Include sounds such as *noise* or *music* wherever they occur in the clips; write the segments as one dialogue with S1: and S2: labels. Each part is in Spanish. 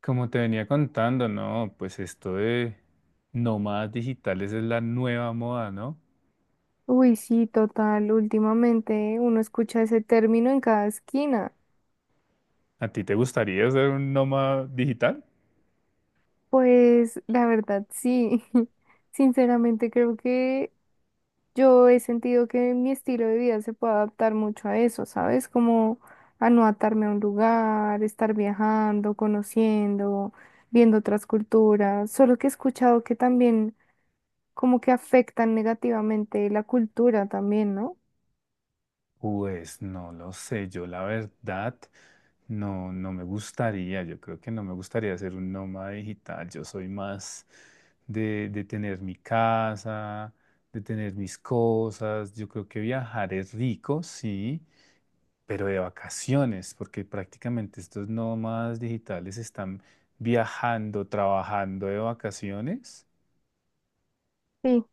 S1: Como te venía contando, ¿no? Pues esto de nómadas digitales es la nueva moda, ¿no?
S2: Uy, sí, total. Últimamente uno escucha ese término en cada esquina.
S1: ¿A ti te gustaría ser un nómada digital?
S2: Pues la verdad, sí. *laughs* Sinceramente creo que yo he sentido que mi estilo de vida se puede adaptar mucho a eso, ¿sabes? Como a no atarme a un lugar, estar viajando, conociendo, viendo otras culturas. Solo que he escuchado que también como que afectan negativamente la cultura también, ¿no?
S1: Pues no lo sé, yo la verdad no, no me gustaría, yo creo que no me gustaría ser un nómada digital, yo soy más de tener mi casa, de tener mis cosas, yo creo que viajar es rico, sí, pero de vacaciones, porque prácticamente estos nómadas digitales están viajando, trabajando de vacaciones.
S2: Sí.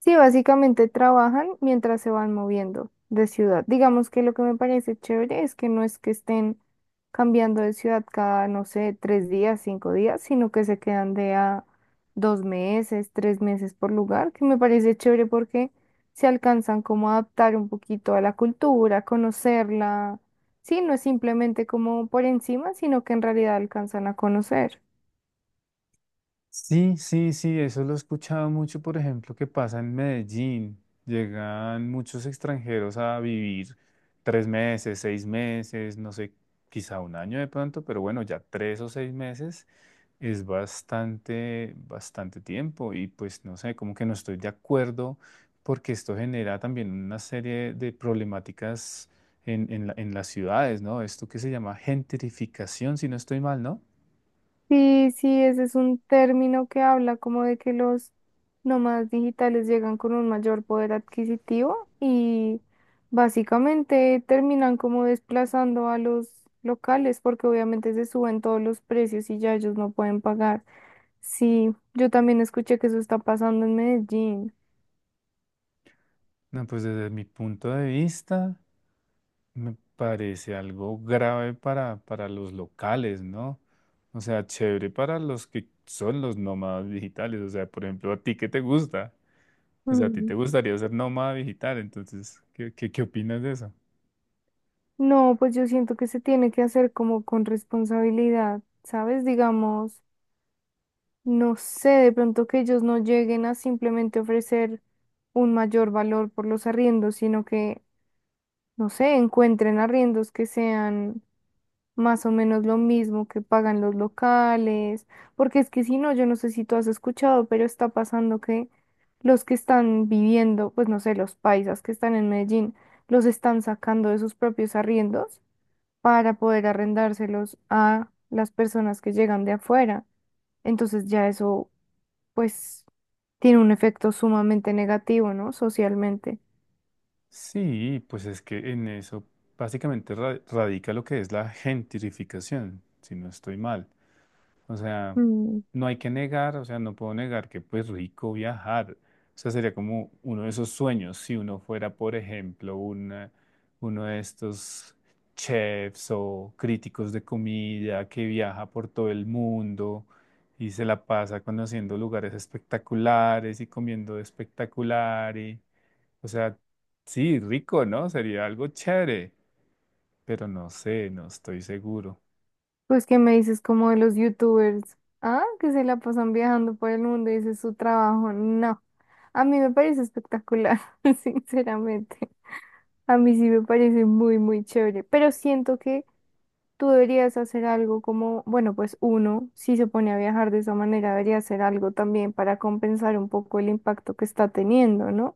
S2: Sí, básicamente trabajan mientras se van moviendo de ciudad. Digamos que lo que me parece chévere es que no es que estén cambiando de ciudad cada, no sé, 3 días, 5 días, sino que se quedan de a 2 meses, 3 meses por lugar, que me parece chévere porque se alcanzan como a adaptar un poquito a la cultura, conocerla. Sí, no es simplemente como por encima, sino que en realidad alcanzan a conocer.
S1: Sí, sí, sí, eso lo he escuchado mucho, por ejemplo, que pasa en Medellín. Llegan muchos extranjeros a vivir tres meses, seis meses, no sé, quizá un año de pronto, pero bueno, ya tres o seis meses. Es bastante, bastante tiempo y pues no sé, como que no estoy de acuerdo porque esto genera también una serie de problemáticas en las ciudades, ¿no? Esto que se llama gentrificación, si no estoy mal, ¿no?
S2: Sí, sí, ese es un término que habla como de que los nómadas digitales llegan con un mayor poder adquisitivo y básicamente terminan como desplazando a los locales porque obviamente se suben todos los precios y ya ellos no pueden pagar. Sí, yo también escuché que eso está pasando en Medellín.
S1: No, pues desde mi punto de vista me parece algo grave para los locales, ¿no? O sea, chévere para los que son los nómadas digitales, o sea, por ejemplo, a ti que te gusta. O sea, a ti
S2: Mm.
S1: te gustaría ser nómada digital, entonces, ¿ qué opinas de eso?
S2: No, pues yo siento que se tiene que hacer como con responsabilidad, ¿sabes? Digamos. No sé, de pronto que ellos no lleguen a simplemente ofrecer un mayor valor por los arriendos, sino que, no sé, encuentren arriendos que sean más o menos lo mismo que pagan los locales, porque es que si no, yo no sé si tú has escuchado, pero está pasando que los que están viviendo, pues no sé, los paisas que están en Medellín, los están sacando de sus propios arriendos para poder arrendárselos a las personas que llegan de afuera. Entonces ya eso pues tiene un efecto sumamente negativo, ¿no? Socialmente.
S1: Sí, pues es que en eso básicamente radica lo que es la gentrificación, si no estoy mal. O sea,
S2: Mm.
S1: no hay que negar, o sea, no puedo negar que pues rico viajar. O sea, sería como uno de esos sueños si uno fuera, por ejemplo, uno de estos chefs o críticos de comida que viaja por todo el mundo y se la pasa conociendo lugares espectaculares y comiendo espectacular y, o sea, sí, rico, ¿no? Sería algo chévere, pero no sé, no estoy seguro.
S2: Pues, ¿qué me dices como de los youtubers? Ah, que se la pasan viajando por el mundo y ese es su trabajo. No, a mí me parece espectacular, *laughs* sinceramente. A mí sí me parece muy, muy chévere, pero siento que tú deberías hacer algo como, bueno, pues uno, si se pone a viajar de esa manera, debería hacer algo también para compensar un poco el impacto que está teniendo, ¿no?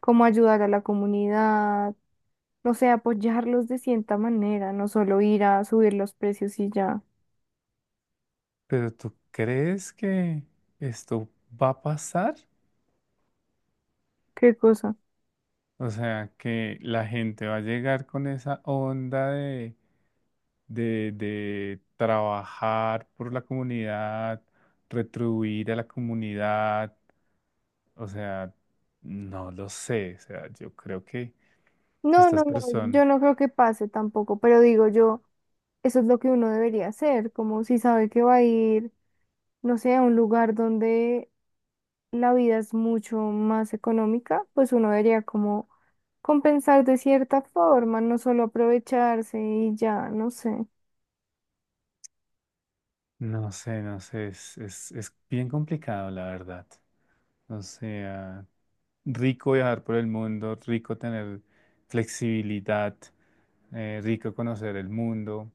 S2: Como ayudar a la comunidad. O sea, apoyarlos de cierta manera, no solo ir a subir los precios y ya.
S1: Pero ¿tú crees que esto va a pasar?
S2: ¿Qué cosa?
S1: O sea, que la gente va a llegar con esa onda de trabajar por la comunidad, retribuir a la comunidad. O sea, no lo sé. O sea, yo creo que
S2: No,
S1: estas
S2: no, no,
S1: personas,
S2: yo no creo que pase tampoco, pero digo yo, eso es lo que uno debería hacer, como si sabe que va a ir, no sé, a un lugar donde la vida es mucho más económica, pues uno debería como compensar de cierta forma, no solo aprovecharse y ya, no sé.
S1: no sé, es, es bien complicado, la verdad. O sea, rico viajar por el mundo, rico tener flexibilidad, rico conocer el mundo,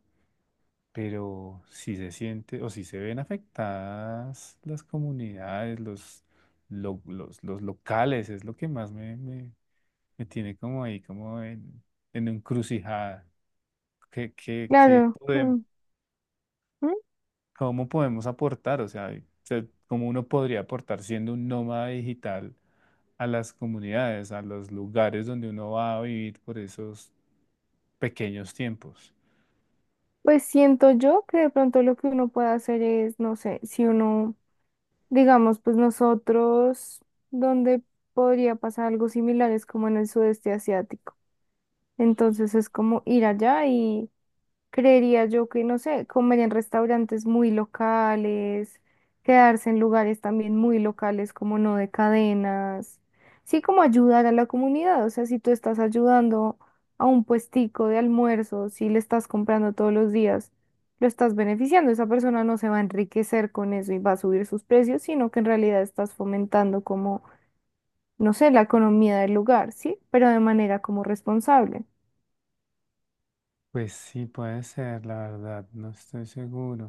S1: pero si se siente o si se ven afectadas las comunidades, los locales, es lo que más me tiene como ahí, como en encrucijada. ¿ qué
S2: Claro.
S1: podemos?
S2: Mm, mm.
S1: ¿Cómo podemos aportar? O sea, ¿cómo uno podría aportar siendo un nómada digital a las comunidades, a los lugares donde uno va a vivir por esos pequeños tiempos?
S2: Pues siento yo que de pronto lo que uno puede hacer es, no sé, si uno. Digamos, pues nosotros, donde podría pasar algo similar es como en el sudeste asiático. Entonces es como ir allá. Creería yo que, no sé, comer en restaurantes muy locales, quedarse en lugares también muy locales como no de cadenas. Sí, como ayudar a la comunidad. O sea, si tú estás ayudando a un puestico de almuerzo, si le estás comprando todos los días, lo estás beneficiando. Esa persona no se va a enriquecer con eso y va a subir sus precios, sino que en realidad estás fomentando como, no sé, la economía del lugar, ¿sí? Pero de manera como responsable.
S1: Pues sí, puede ser, la verdad, no estoy seguro.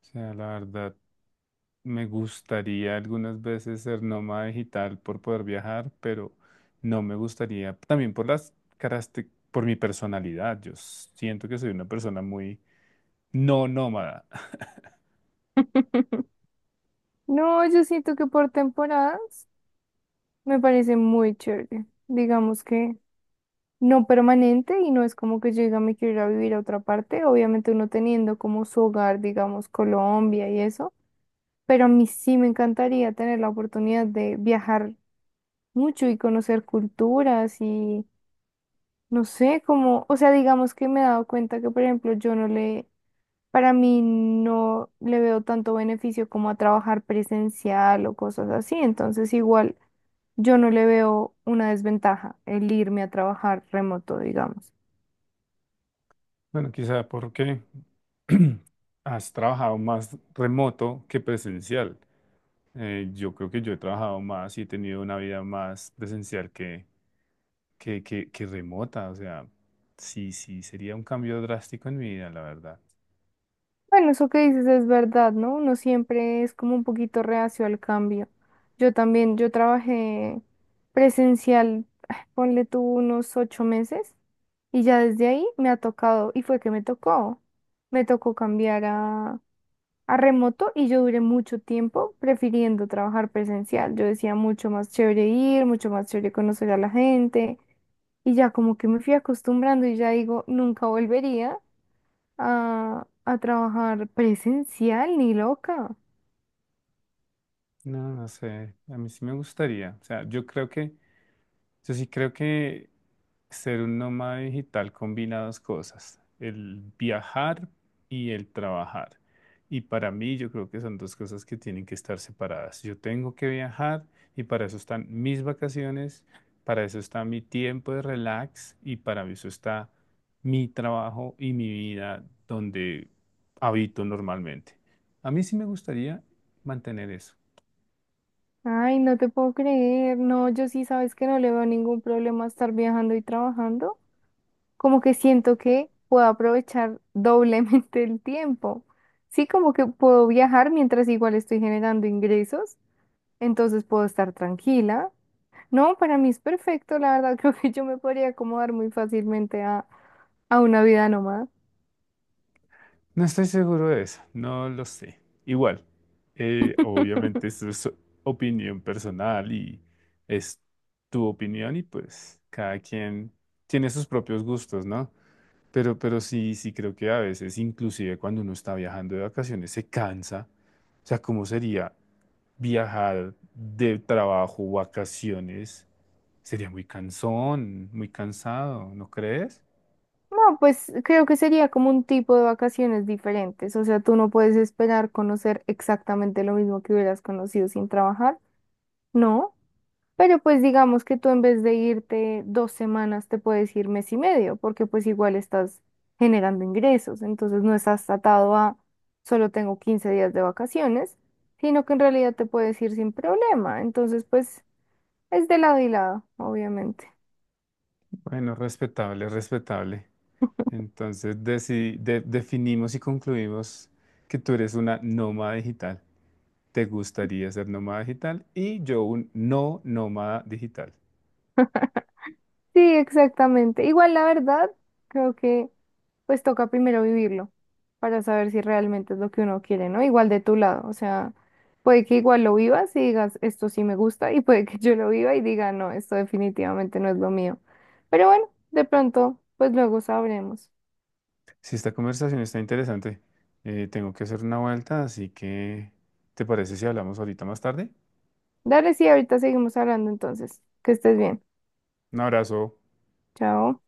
S1: O sea, la verdad, me gustaría algunas veces ser nómada digital por poder viajar, pero no me gustaría, también por las características, por mi personalidad. Yo siento que soy una persona muy no nómada. *laughs*
S2: *laughs* No, yo siento que por temporadas. Me parece muy chévere. Digamos que no permanente y no es como que yo diga me quiero ir a vivir a otra parte. Obviamente uno teniendo como su hogar, digamos, Colombia y eso. Pero a mí sí me encantaría tener la oportunidad de viajar mucho y conocer culturas y no sé, como, o sea, digamos que me he dado cuenta que, por ejemplo, yo no le, para mí no le veo tanto beneficio como a trabajar presencial o cosas así, entonces igual yo no le veo una desventaja el irme a trabajar remoto, digamos.
S1: Bueno, quizá porque *clears throat* has trabajado más remoto que presencial. Yo creo que yo he trabajado más y he tenido una vida más presencial que remota. O sea, sí, sí, sería un cambio drástico en mi vida, la verdad.
S2: Bueno, eso que dices es verdad, ¿no? Uno siempre es como un poquito reacio al cambio. Yo también, yo trabajé presencial, ah, ponle tú unos 8 meses y ya desde ahí me ha tocado, y fue que me tocó cambiar a remoto y yo duré mucho tiempo prefiriendo trabajar presencial. Yo decía mucho más chévere ir, mucho más chévere conocer a la gente y ya como que me fui acostumbrando y ya digo, nunca volvería a trabajar presencial ni loca.
S1: No, no sé. A mí sí me gustaría. O sea, yo sí creo que ser un nómada digital combina dos cosas, el viajar y el trabajar. Y para mí yo creo que son dos cosas que tienen que estar separadas. Yo tengo que viajar y para eso están mis vacaciones, para eso está mi tiempo de relax y para eso está mi trabajo y mi vida donde habito normalmente. A mí sí me gustaría mantener eso.
S2: Ay, no te puedo creer. No, yo sí sabes que no le veo ningún problema a estar viajando y trabajando. Como que siento que puedo aprovechar *laughs* doblemente el tiempo. Sí, como que puedo viajar mientras igual estoy generando ingresos entonces puedo estar tranquila. No, para mí es perfecto, la verdad, *laughs* creo que yo me podría acomodar muy fácilmente a una vida nómada.
S1: No estoy seguro de eso, no lo sé. Igual, obviamente
S2: *laughs*
S1: esto es opinión personal y es tu opinión y pues cada quien tiene sus propios gustos, ¿no? Pero sí, sí creo que a veces, inclusive cuando uno está viajando de vacaciones, se cansa. O sea, ¿cómo sería viajar de trabajo, vacaciones? Sería muy cansón, muy cansado, ¿no crees?
S2: No, pues creo que sería como un tipo de vacaciones diferentes, o sea, tú no puedes esperar conocer exactamente lo mismo que hubieras conocido sin trabajar, ¿no? Pero pues digamos que tú en vez de irte 2 semanas te puedes ir mes y medio, porque pues igual estás generando ingresos, entonces no estás atado a solo tengo 15 días de vacaciones, sino que en realidad te puedes ir sin problema, entonces pues es de lado y lado, obviamente.
S1: Bueno, respetable, respetable. Entonces definimos y concluimos que tú eres una nómada digital. ¿Te gustaría ser nómada digital? Y yo un no nómada digital.
S2: Sí, exactamente. Igual la verdad, creo que pues toca primero vivirlo para saber si realmente es lo que uno quiere, ¿no? Igual de tu lado, o sea, puede que igual lo vivas y digas, esto sí me gusta, *laughs* y puede que yo lo viva y diga, no, esto definitivamente no es lo mío. Pero bueno, de pronto, pues luego sabremos.
S1: Si esta conversación está interesante, tengo que hacer una vuelta, así que ¿te parece si hablamos ahorita más tarde?
S2: Dale, sí, ahorita seguimos hablando entonces. Que estés bien.
S1: Un abrazo.
S2: Chao.